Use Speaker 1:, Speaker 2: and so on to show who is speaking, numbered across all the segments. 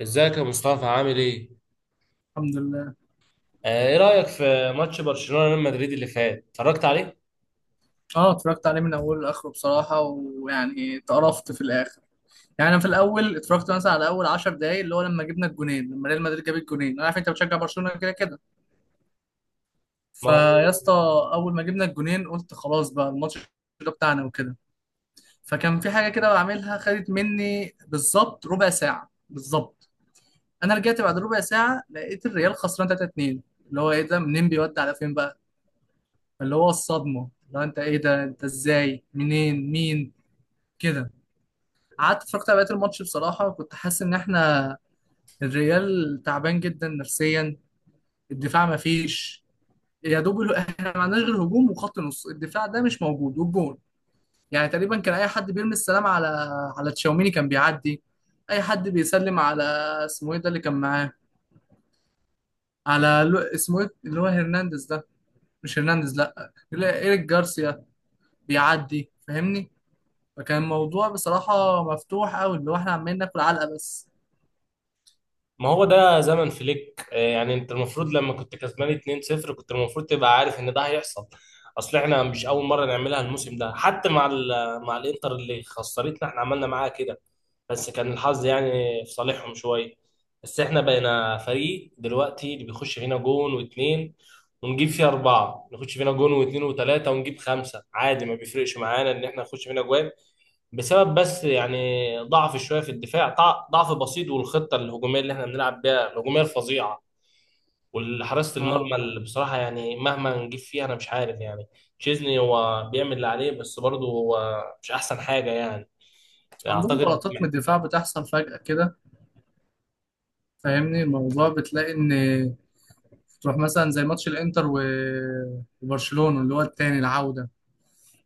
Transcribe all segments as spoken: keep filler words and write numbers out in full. Speaker 1: ازيك يا مصطفى، عامل ايه؟
Speaker 2: الحمد لله.
Speaker 1: آه، ايه رأيك في ماتش برشلونة ريال مدريد اللي فات؟ اتفرجت عليه؟
Speaker 2: اه، اتفرجت عليه من اوله لاخره بصراحه، ويعني اتقرفت في الاخر. يعني انا في الاول اتفرجت مثلا على اول عشر دقايق، اللي هو لما جبنا الجونين، لما ريال مدريد جاب الجونين. انا عارف انت بتشجع برشلونه كده كده
Speaker 1: ما هو
Speaker 2: فيا اسطى. اول ما جبنا الجونين قلت خلاص بقى الماتش ده بتاعنا وكده، فكان في حاجه كده بعملها، خدت مني بالظبط ربع ساعه بالظبط. انا رجعت بعد ربع ساعه لقيت الريال خسران ثلاثة اتنين. اللي هو ايه ده؟ منين بيودي على فين بقى؟ اللي هو الصدمه، اللي هو انت ايه ده؟ انت ازاي؟ منين؟ مين؟ كده. قعدت اتفرجت على بقية الماتش بصراحة، وكنت حاسس إن إحنا الريال تعبان جدا نفسيا، الدفاع مفيش، يا دوب ال- إحنا ما عندناش غير هجوم وخط نص، الدفاع ده مش موجود والجون يعني تقريبا كان أي حد بيرمي السلام على على تشاوميني كان بيعدي. أي حد بيسلم على اسمه إيه ده اللي كان معاه، على لو... اسمه إيه اللي هو هرنانديز ده؟ مش هرنانديز، لأ لا، إيريك جارسيا، بيعدي فاهمني. فكان الموضوع بصراحة مفتوح أوي، اللي هو إحنا عمالين ناكل علقة بس.
Speaker 1: ما هو ده زمن فليك، آه، يعني انت المفروض لما كنت كسبان اتنين صفر كنت المفروض تبقى عارف ان ده هيحصل. اصل احنا مش اول مرة نعملها الموسم ده حتى مع ال... مع الانتر اللي خسرتنا، احنا عملنا معاها كده، بس كان الحظ يعني في صالحهم شويه. بس احنا بقينا فريق دلوقتي اللي بيخش فينا جون واتنين ونجيب فيه اربعه، نخش فينا جون واتنين وتلاته ونجيب خمسه، عادي، ما بيفرقش معانا ان احنا نخش فينا جوان، بسبب بس يعني ضعف شويه في الدفاع، ضع- ضعف بسيط، والخطه الهجوميه اللي احنا بنلعب بيها الهجوميه الفظيعه، والحراسه المرمى
Speaker 2: اه،
Speaker 1: اللي بصراحه يعني مهما نجيب فيها انا مش عارف يعني. تشيزني هو بيعمل اللي عليه بس برضه هو مش احسن حاجه يعني،
Speaker 2: عندهم
Speaker 1: اعتقد.
Speaker 2: غلطات من الدفاع بتحصل فجأة كده فاهمني. الموضوع بتلاقي ان تروح مثلا زي ماتش الانتر و- وبرشلونة اللي هو التاني العودة،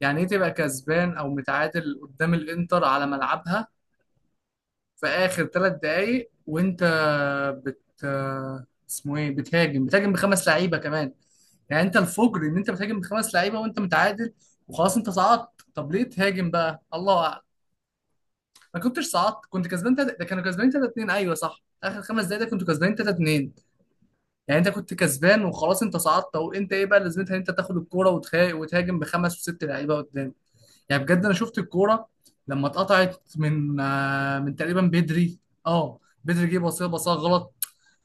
Speaker 2: يعني ايه تبقى كسبان او متعادل قدام الانتر على ملعبها في اخر ثلاث دقايق، وانت بت اسمه ايه بتهاجم بتهاجم بخمس لعيبة كمان؟ يعني انت الفجر ان انت بتهاجم بخمس لعيبة وانت متعادل وخلاص انت صعدت. طب ليه تهاجم بقى؟ الله اعلم. ما كنتش صعدت، كنت كسبان تلاتة، ده كانوا كسبانين تلاتة اثنين، ايوه صح، اخر خمس دقايق ده كنتوا كسبانين ثلاثة اتنين. يعني انت كنت كسبان وخلاص انت صعدت، او انت ايه بقى لازمتها إن انت تاخد الكوره وتهاجم وتهاجم بخمس وست لعيبه قدام؟ يعني بجد انا شفت الكوره لما اتقطعت من آه، من تقريبا بدري، اه بدري، جه بصيها بصيها غلط.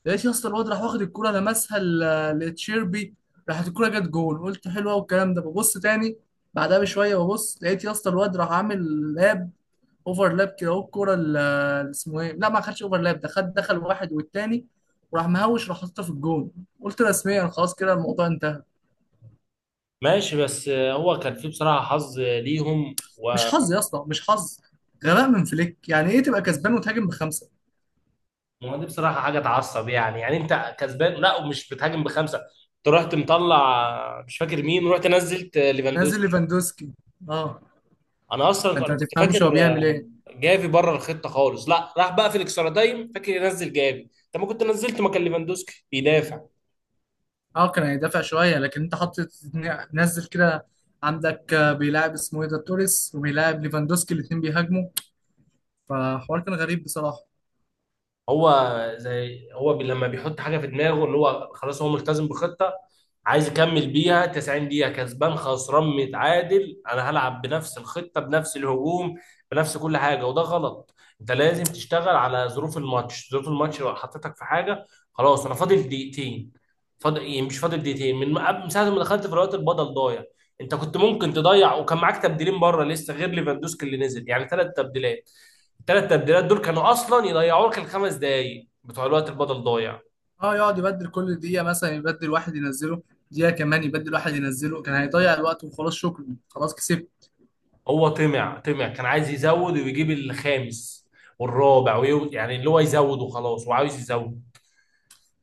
Speaker 2: لقيت يا اسطى الواد راح واخد الكوره لمسها ل- لتشيربي، راحت الكوره جت جول، قلت حلوه والكلام ده، ببص تاني بعدها بشويه، ببص لقيت يا اسطى الواد راح عامل لاب اوفرلاب كده، اهو الكوره اللي اسمه ايه لا، ما خدش اوفرلاب، ده خد دخل واحد والتاني، وراح مهوش، راح حاططها في الجون. قلت رسميا خلاص كده الموضوع انتهى.
Speaker 1: ماشي، بس هو كان في بصراحه حظ ليهم
Speaker 2: مش
Speaker 1: وما.
Speaker 2: حظ يا اسطى، مش حظ، غباء من فليك. يعني ايه تبقى كسبان وتهاجم بخمسه؟
Speaker 1: دي بصراحه حاجه تعصب، يعني يعني انت كسبان، لا ومش بتهاجم بخمسه، انت رحت مطلع مش فاكر مين ورحت نزلت
Speaker 2: نازل
Speaker 1: ليفاندوسكي.
Speaker 2: ليفاندوسكي، اه،
Speaker 1: انا اصلا
Speaker 2: فانت
Speaker 1: انا
Speaker 2: ما
Speaker 1: كنت
Speaker 2: تفهمش
Speaker 1: فاكر
Speaker 2: هو بيعمل ايه.
Speaker 1: جافي بره الخطه خالص، لا راح بقى في الاكسترا تايم فاكر ينزل جافي، انت ما كنت نزلت مكان ليفاندوسكي بيدافع.
Speaker 2: اه كان هيدافع شويه، لكن انت حطيت، نزل كده، عندك آه، بيلاعب اسمه ايه ده توريس، وبيلاعب ليفاندوسكي، الاثنين بيهاجموا. فحوار كان غريب بصراحه.
Speaker 1: هو زي هو بي لما بيحط حاجه في دماغه ان هو خلاص هو ملتزم بخطه، عايز يكمل بيها تسعين دقيقه كسبان خسران متعادل، انا هلعب بنفس الخطه بنفس الهجوم بنفس كل حاجه، وده غلط. انت لازم تشتغل على ظروف الماتش، ظروف الماتش لو حطيتك في حاجه، خلاص انا فاضل دقيقتين، فاضل إيه، مش فاضل دقيقتين من قبل- من ساعه ما دخلت في الوقت البدل ضايع. انت كنت ممكن تضيع وكان معاك تبديلين بره لسه غير ليفاندوسكي اللي نزل، يعني ثلاث تبديلات، الثلاث تبديلات دول كانوا اصلا يضيعوا لك الخمس دقايق بتوع الوقت البدل ضايع.
Speaker 2: اه، يقعد يبدل كل دقيقة مثلا، يبدل واحد ينزله، دقيقة كمان يبدل واحد ينزله، كان هيضيع الوقت وخلاص، شكرا خلاص كسبت.
Speaker 1: هو طمع طمع كان عايز يزود ويجيب الخامس والرابع، ويو... يعني اللي هو يزود وخلاص وعاوز يزود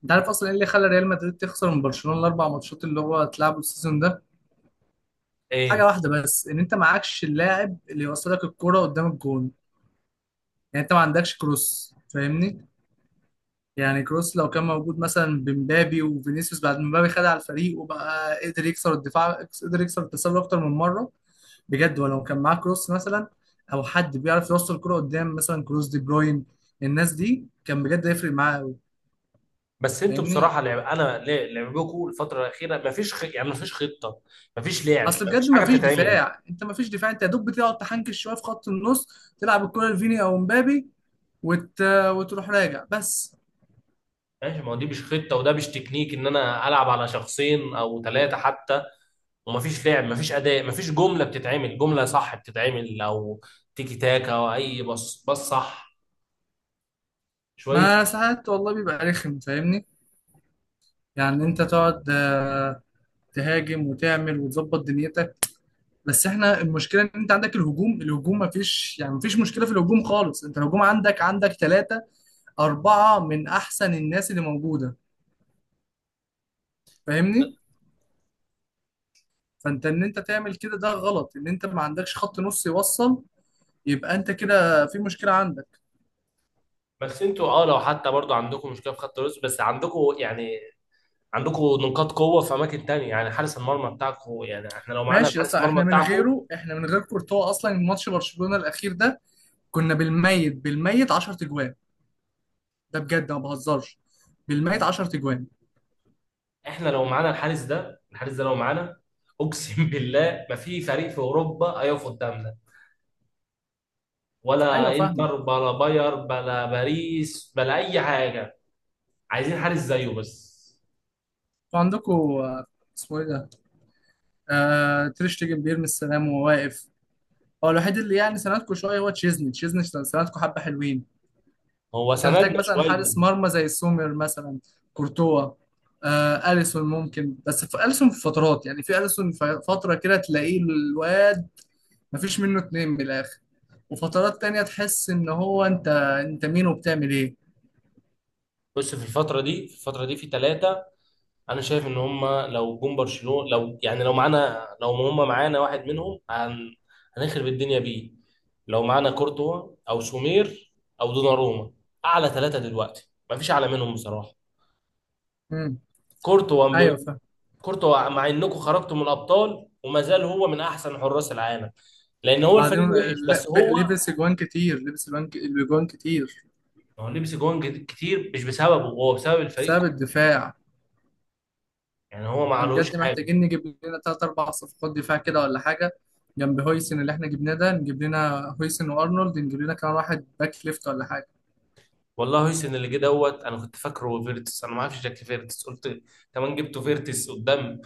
Speaker 2: انت عارف اصلا ايه اللي خلى ريال مدريد تخسر من برشلونة الاربع ماتشات اللي هو اتلعبوا السيزون ده؟
Speaker 1: ايه.
Speaker 2: حاجة واحدة بس، ان انت معكش اللاعب اللي يوصلك الكرة قدام الجون. يعني انت ما عندكش كروس فاهمني. يعني كروس لو كان موجود مثلا، بمبابي وفينيسيوس بعد ما مبابي خد على الفريق وبقى قدر يكسر الدفاع، قدر يكسر التسلل اكتر من مرة بجد، ولو كان معاه كروس مثلا، او حد بيعرف يوصل الكرة قدام مثلا كروس دي بروين، الناس دي كان بجد هيفرق معاه قوي.
Speaker 1: بس انتوا
Speaker 2: فاهمني.
Speaker 1: بصراحه لعب انا لا- لعبكم الفتره الاخيره ما فيش خ... يعني ما فيش خطه، ما فيش لعب،
Speaker 2: اصل
Speaker 1: ما فيش
Speaker 2: بجد ما
Speaker 1: حاجه
Speaker 2: فيش
Speaker 1: بتتعمل.
Speaker 2: دفاع، انت ما فيش دفاع، انت يا دوب بتقعد تحنكش شويه في خط النص، تلعب الكرة لفيني او مبابي، وت... وتروح راجع بس.
Speaker 1: ماشي، ما هو دي مش خطه وده مش تكنيك، ان انا العب على شخصين او ثلاثه حتى، وما فيش لعب ما فيش اداء ما فيش جمله بتتعمل، جمله صح بتتعمل، او تيكي تاكا، او اي بص بص صح شويه.
Speaker 2: ما ساعات والله بيبقى رخم فاهمني. يعني انت تقعد آه، تهاجم وتعمل وتظبط دنيتك. بس احنا المشكله ان انت عندك الهجوم، الهجوم ما فيش، يعني ما فيش مشكله في الهجوم خالص، انت الهجوم عندك عندك ثلاثه أربعة من أحسن الناس اللي موجودة، فاهمني؟ فأنت إن أنت تعمل كده ده غلط، إن أنت ما عندكش خط نص يوصل. يبقى أنت كده في مشكلة عندك.
Speaker 1: بس انتوا اه لو حتى برضو عندكم مشكله في خط الوسط، بس عندكم يعني عندكم نقاط قوه في اماكن تانية، يعني حارس المرمى بتاعكم، يعني احنا لو معانا
Speaker 2: ماشي يا
Speaker 1: الحارس
Speaker 2: اسطى.
Speaker 1: المرمى
Speaker 2: إحنا من
Speaker 1: بتاعكم،
Speaker 2: غيره، إحنا من غير كورتوا أصلا، ماتش برشلونة الأخير ده كنا بالميت بالميت عشر تجوان، ده بجد ما بهزرش، بالميت عشر تجوان.
Speaker 1: احنا لو معانا الحارس ده، الحارس ده لو معانا، اقسم بالله ما في فريق في اوروبا هيقف قدامنا،
Speaker 2: أيوه
Speaker 1: ولا
Speaker 2: فاهمك.
Speaker 1: انتر بلا باير بلا باريس بلا اي حاجه. عايزين حارس زيه بس،
Speaker 2: وعندكوا آه، اسمه إيه ده؟ آه تريش تيجن، بيرمي السلام وهو واقف. هو الوحيد اللي يعني سندكوا شوية هو تشيزني، تشيزني سندكوا حبة حلوين.
Speaker 1: هو
Speaker 2: انت
Speaker 1: سندنا
Speaker 2: محتاج مثلا
Speaker 1: شويه.
Speaker 2: حارس مرمى زي سومر مثلا، كورتوا، آه اليسون ممكن، بس في اليسون في فترات، يعني في اليسون في فتره كده تلاقيه الواد مفيش منه اتنين من الاخر، وفترات تانية تحس ان هو انت انت مين وبتعمل ايه.
Speaker 1: بص، في الفتره دي في الفتره دي في ثلاثه، انا شايف ان هم لو جم برشلونه، لو يعني لو معانا، لو هم معانا واحد منهم هن... هنخرب الدنيا بيه، لو معانا كورتوا او سومير او دوناروما، اعلى ثلاثه دلوقتي ما فيش اعلى منهم بصراحه.
Speaker 2: امم.
Speaker 1: كورتوا
Speaker 2: ايوه
Speaker 1: ب...
Speaker 2: فاهم.
Speaker 1: كورتوا مع انكم خرجتوا من الابطال وما زال هو من احسن حراس العالم، لان هو
Speaker 2: بعدين
Speaker 1: الفريق
Speaker 2: آه،
Speaker 1: وحش بس
Speaker 2: لا، ب-
Speaker 1: هو،
Speaker 2: لبس اجوان كتير، لبس اجوان ك- اجوان كتير.
Speaker 1: هو لبس جوان كتير مش بسببه، هو بسبب الفريق،
Speaker 2: بسبب الدفاع.
Speaker 1: يعني هو ما
Speaker 2: احنا
Speaker 1: عليهوش
Speaker 2: بجد
Speaker 1: حاجه.
Speaker 2: محتاجين نجيب لنا تلات أربع صفقات دفاع كده ولا حاجة، جنب هويسن اللي احنا جبناه ده، نجيب لنا هويسن وأرنولد، نجيب لنا كمان واحد باك ليفت ولا حاجة.
Speaker 1: والله هيسن اللي جه دوت انا كنت فاكره فيرتس، انا ما اعرفش شكل فيرتس قلت كمان جبته فيرتس قدام.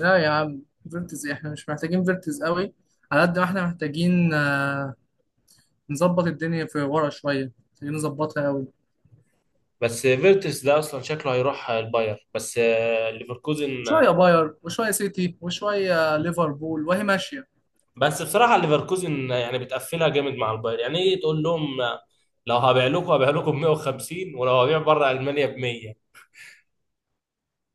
Speaker 2: لا يا عم، فيرتز إيه؟ احنا مش محتاجين فيرتز قوي، على قد ما احنا محتاجين آه، نظبط الدنيا في ورا شوية، محتاجين نظبطها قوي.
Speaker 1: بس فيرتس ده اصلا شكله هيروح الباير، بس آه، ليفركوزن.
Speaker 2: شوية باير وشوية سيتي وشوية ليفربول وهي ماشية.
Speaker 1: بس بصراحه ليفركوزن يعني بتقفلها جامد مع الباير، يعني ايه تقول لهم، آه، لو هبيع لكم، هبيع لكم ب مية وخمسين ولو هبيع بره المانيا ب مية،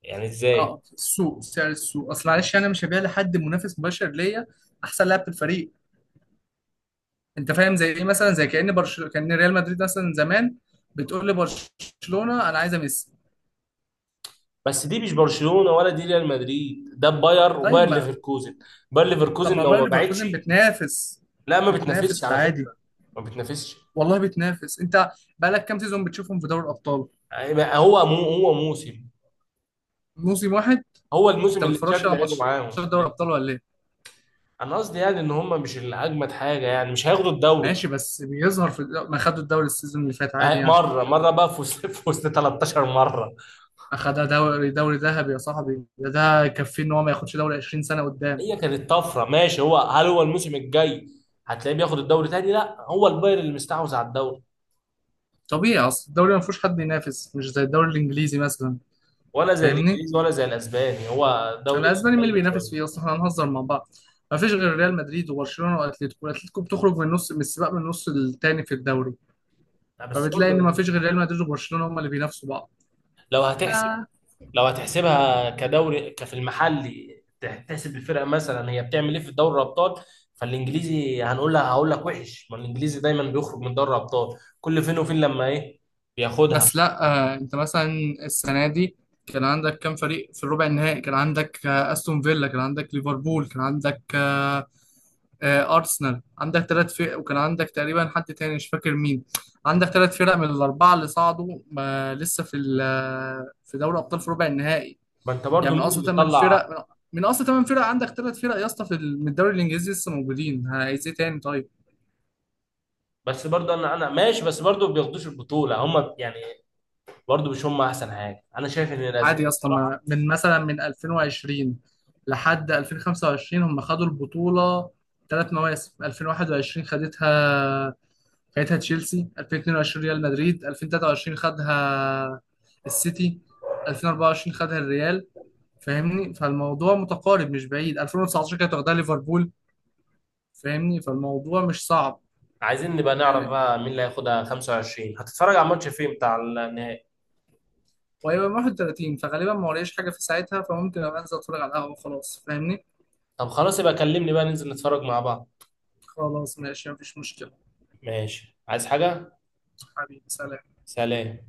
Speaker 1: يعني ازاي.
Speaker 2: اه السوق، سعر السوق، اصل معلش انا مش هبيع لحد منافس مباشر ليا احسن لاعب في الفريق. انت فاهم زي ايه؟ مثلا زي كأن برشلونة كأن ريال مدريد مثلا زمان بتقول لبرشلونة انا عايزه ميسي.
Speaker 1: بس دي مش برشلونه ولا دي ريال مدريد، ده باير،
Speaker 2: طيب
Speaker 1: وباير
Speaker 2: ما.
Speaker 1: ليفركوزن، باير
Speaker 2: طب
Speaker 1: ليفركوزن
Speaker 2: ما
Speaker 1: لو
Speaker 2: باير
Speaker 1: ما باعتش،
Speaker 2: ليفركوزن بتنافس،
Speaker 1: لا ما بتنافسش
Speaker 2: بتنافس
Speaker 1: على
Speaker 2: عادي.
Speaker 1: فكره، ما بتنافسش.
Speaker 2: والله بتنافس، انت بقالك كام سيزون بتشوفهم في دوري الابطال؟
Speaker 1: هو مو هو موسم،
Speaker 2: موسم واحد.
Speaker 1: هو
Speaker 2: انت
Speaker 1: الموسم
Speaker 2: ما
Speaker 1: اللي
Speaker 2: بتتفرجش
Speaker 1: تشافي
Speaker 2: على
Speaker 1: لعبه
Speaker 2: ماتشات
Speaker 1: معاهم،
Speaker 2: دوري
Speaker 1: اللي-
Speaker 2: الابطال ولا ايه؟
Speaker 1: انا قصدي يعني ان هم مش الاجمد حاجه، يعني مش هياخدوا الدوري.
Speaker 2: ماشي بس بيظهر في الد- ما خدوا الدوري السيزون اللي فات
Speaker 1: ما
Speaker 2: عادي،
Speaker 1: هي-
Speaker 2: يعني
Speaker 1: مره
Speaker 2: خدوا،
Speaker 1: مره بقى في وسط في وسط ثلاثة عشر مره،
Speaker 2: اخدها دوري، دوري ذهبي يا صاحبي، ده ده يكفيه ان هو ما ياخدش دوري عشرين سنة قدام.
Speaker 1: هي كانت طفره، ماشي، هو هل هو الموسم الجاي هتلاقيه بياخد الدوري تاني؟ لا، هو البايرن اللي مستحوذ على الدوري،
Speaker 2: طبيعي، اصل الدوري ما فيهوش حد ينافس، مش زي الدوري الانجليزي مثلا،
Speaker 1: ولا زي
Speaker 2: فاهمني.
Speaker 1: الانجليزي ولا زي الاسباني، هو دوري
Speaker 2: الاسباني مين اللي
Speaker 1: ميت
Speaker 2: بينافس فيه
Speaker 1: شويه.
Speaker 2: اصلا؟ احنا هنهزر مع بعض. ما فيش غير ريال مدريد وبرشلونه واتلتيكو، الاتليتيكو بتخرج من النص، من السباق من النص التاني في الدوري.
Speaker 1: لا، بس
Speaker 2: فبتلاقي
Speaker 1: برضه،
Speaker 2: ان ما فيش غير ريال مدريد وبرشلونه هم اللي بينافسوا بعض.
Speaker 1: لو هتحسب لو هتحسبها كدوري كفي المحلي، تح- تحسب الفرقه مثلا هي بتعمل ايه في دوري الابطال، فالانجليزي هنقول لها هقول لك وحش، ما الانجليزي دايما بيخرج من دوري الابطال، كل فين وفين لما ايه بياخدها.
Speaker 2: بس لا، آه انت مثلا السنه دي كان عندك كام فريق في الربع النهائي؟ كان عندك آه استون فيلا، كان عندك ليفربول، كان عندك آه آه ارسنال، عندك ثلاث فرق، وكان عندك تقريبا حد تاني مش فاكر مين. عندك ثلاث فرق من الاربعه اللي صعدوا، ما لسه في ال- آه، في دوري ابطال في ربع النهائي.
Speaker 1: ما انت برضو
Speaker 2: يعني من
Speaker 1: مين
Speaker 2: اصل
Speaker 1: اللي
Speaker 2: ثمان
Speaker 1: طلع،
Speaker 2: فرق من من اصل ثمان فرق عندك ثلاث فرق يا اسطى في ال- من الدوري الانجليزي لسه موجودين، عايز ايه تاني طيب؟
Speaker 1: بس برضو انا انا ماشي، بس برضو ما بياخدوش البطوله هم يعني، برضو مش هم احسن حاجه، انا شايف ان
Speaker 2: عادي
Speaker 1: الاسبان
Speaker 2: يا اسطى،
Speaker 1: بصراحه.
Speaker 2: ما- من مثلا من الفين وعشرين لحد الفين وخمسه وعشرين هم خدوا البطوله ثلاث مواسم. الفين وواحد وعشرين خدتها، خدتها تشيلسي، الفين واتنين وعشرين مدريد، الفين وثلاثه وعشرين خدها السيتي، الفين واربعه وعشرين خدها الريال، فاهمني؟ فالموضوع متقارب مش بعيد، الفين وتسعتاشر كانت واخدها ليفربول. فاهمني؟ فالموضوع مش صعب
Speaker 1: عايزين نبقى نعرف
Speaker 2: يعني.
Speaker 1: بقى مين اللي هياخدها خمسه وعشرين، هتتفرج على الماتش فين بتاع النهائي؟
Speaker 2: وهيبقى واحد وثلاثين، فغالبا ما وريش حاجه في ساعتها، فممكن ابقى انزل اتفرج على القهوه خلاص فاهمني.
Speaker 1: طب خلاص، يبقى كلمني بقى ننزل نتفرج مع بعض.
Speaker 2: خلاص ماشي مفيش مشكله.
Speaker 1: ماشي، عايز حاجه؟
Speaker 2: حبيبي سلام.
Speaker 1: سلام.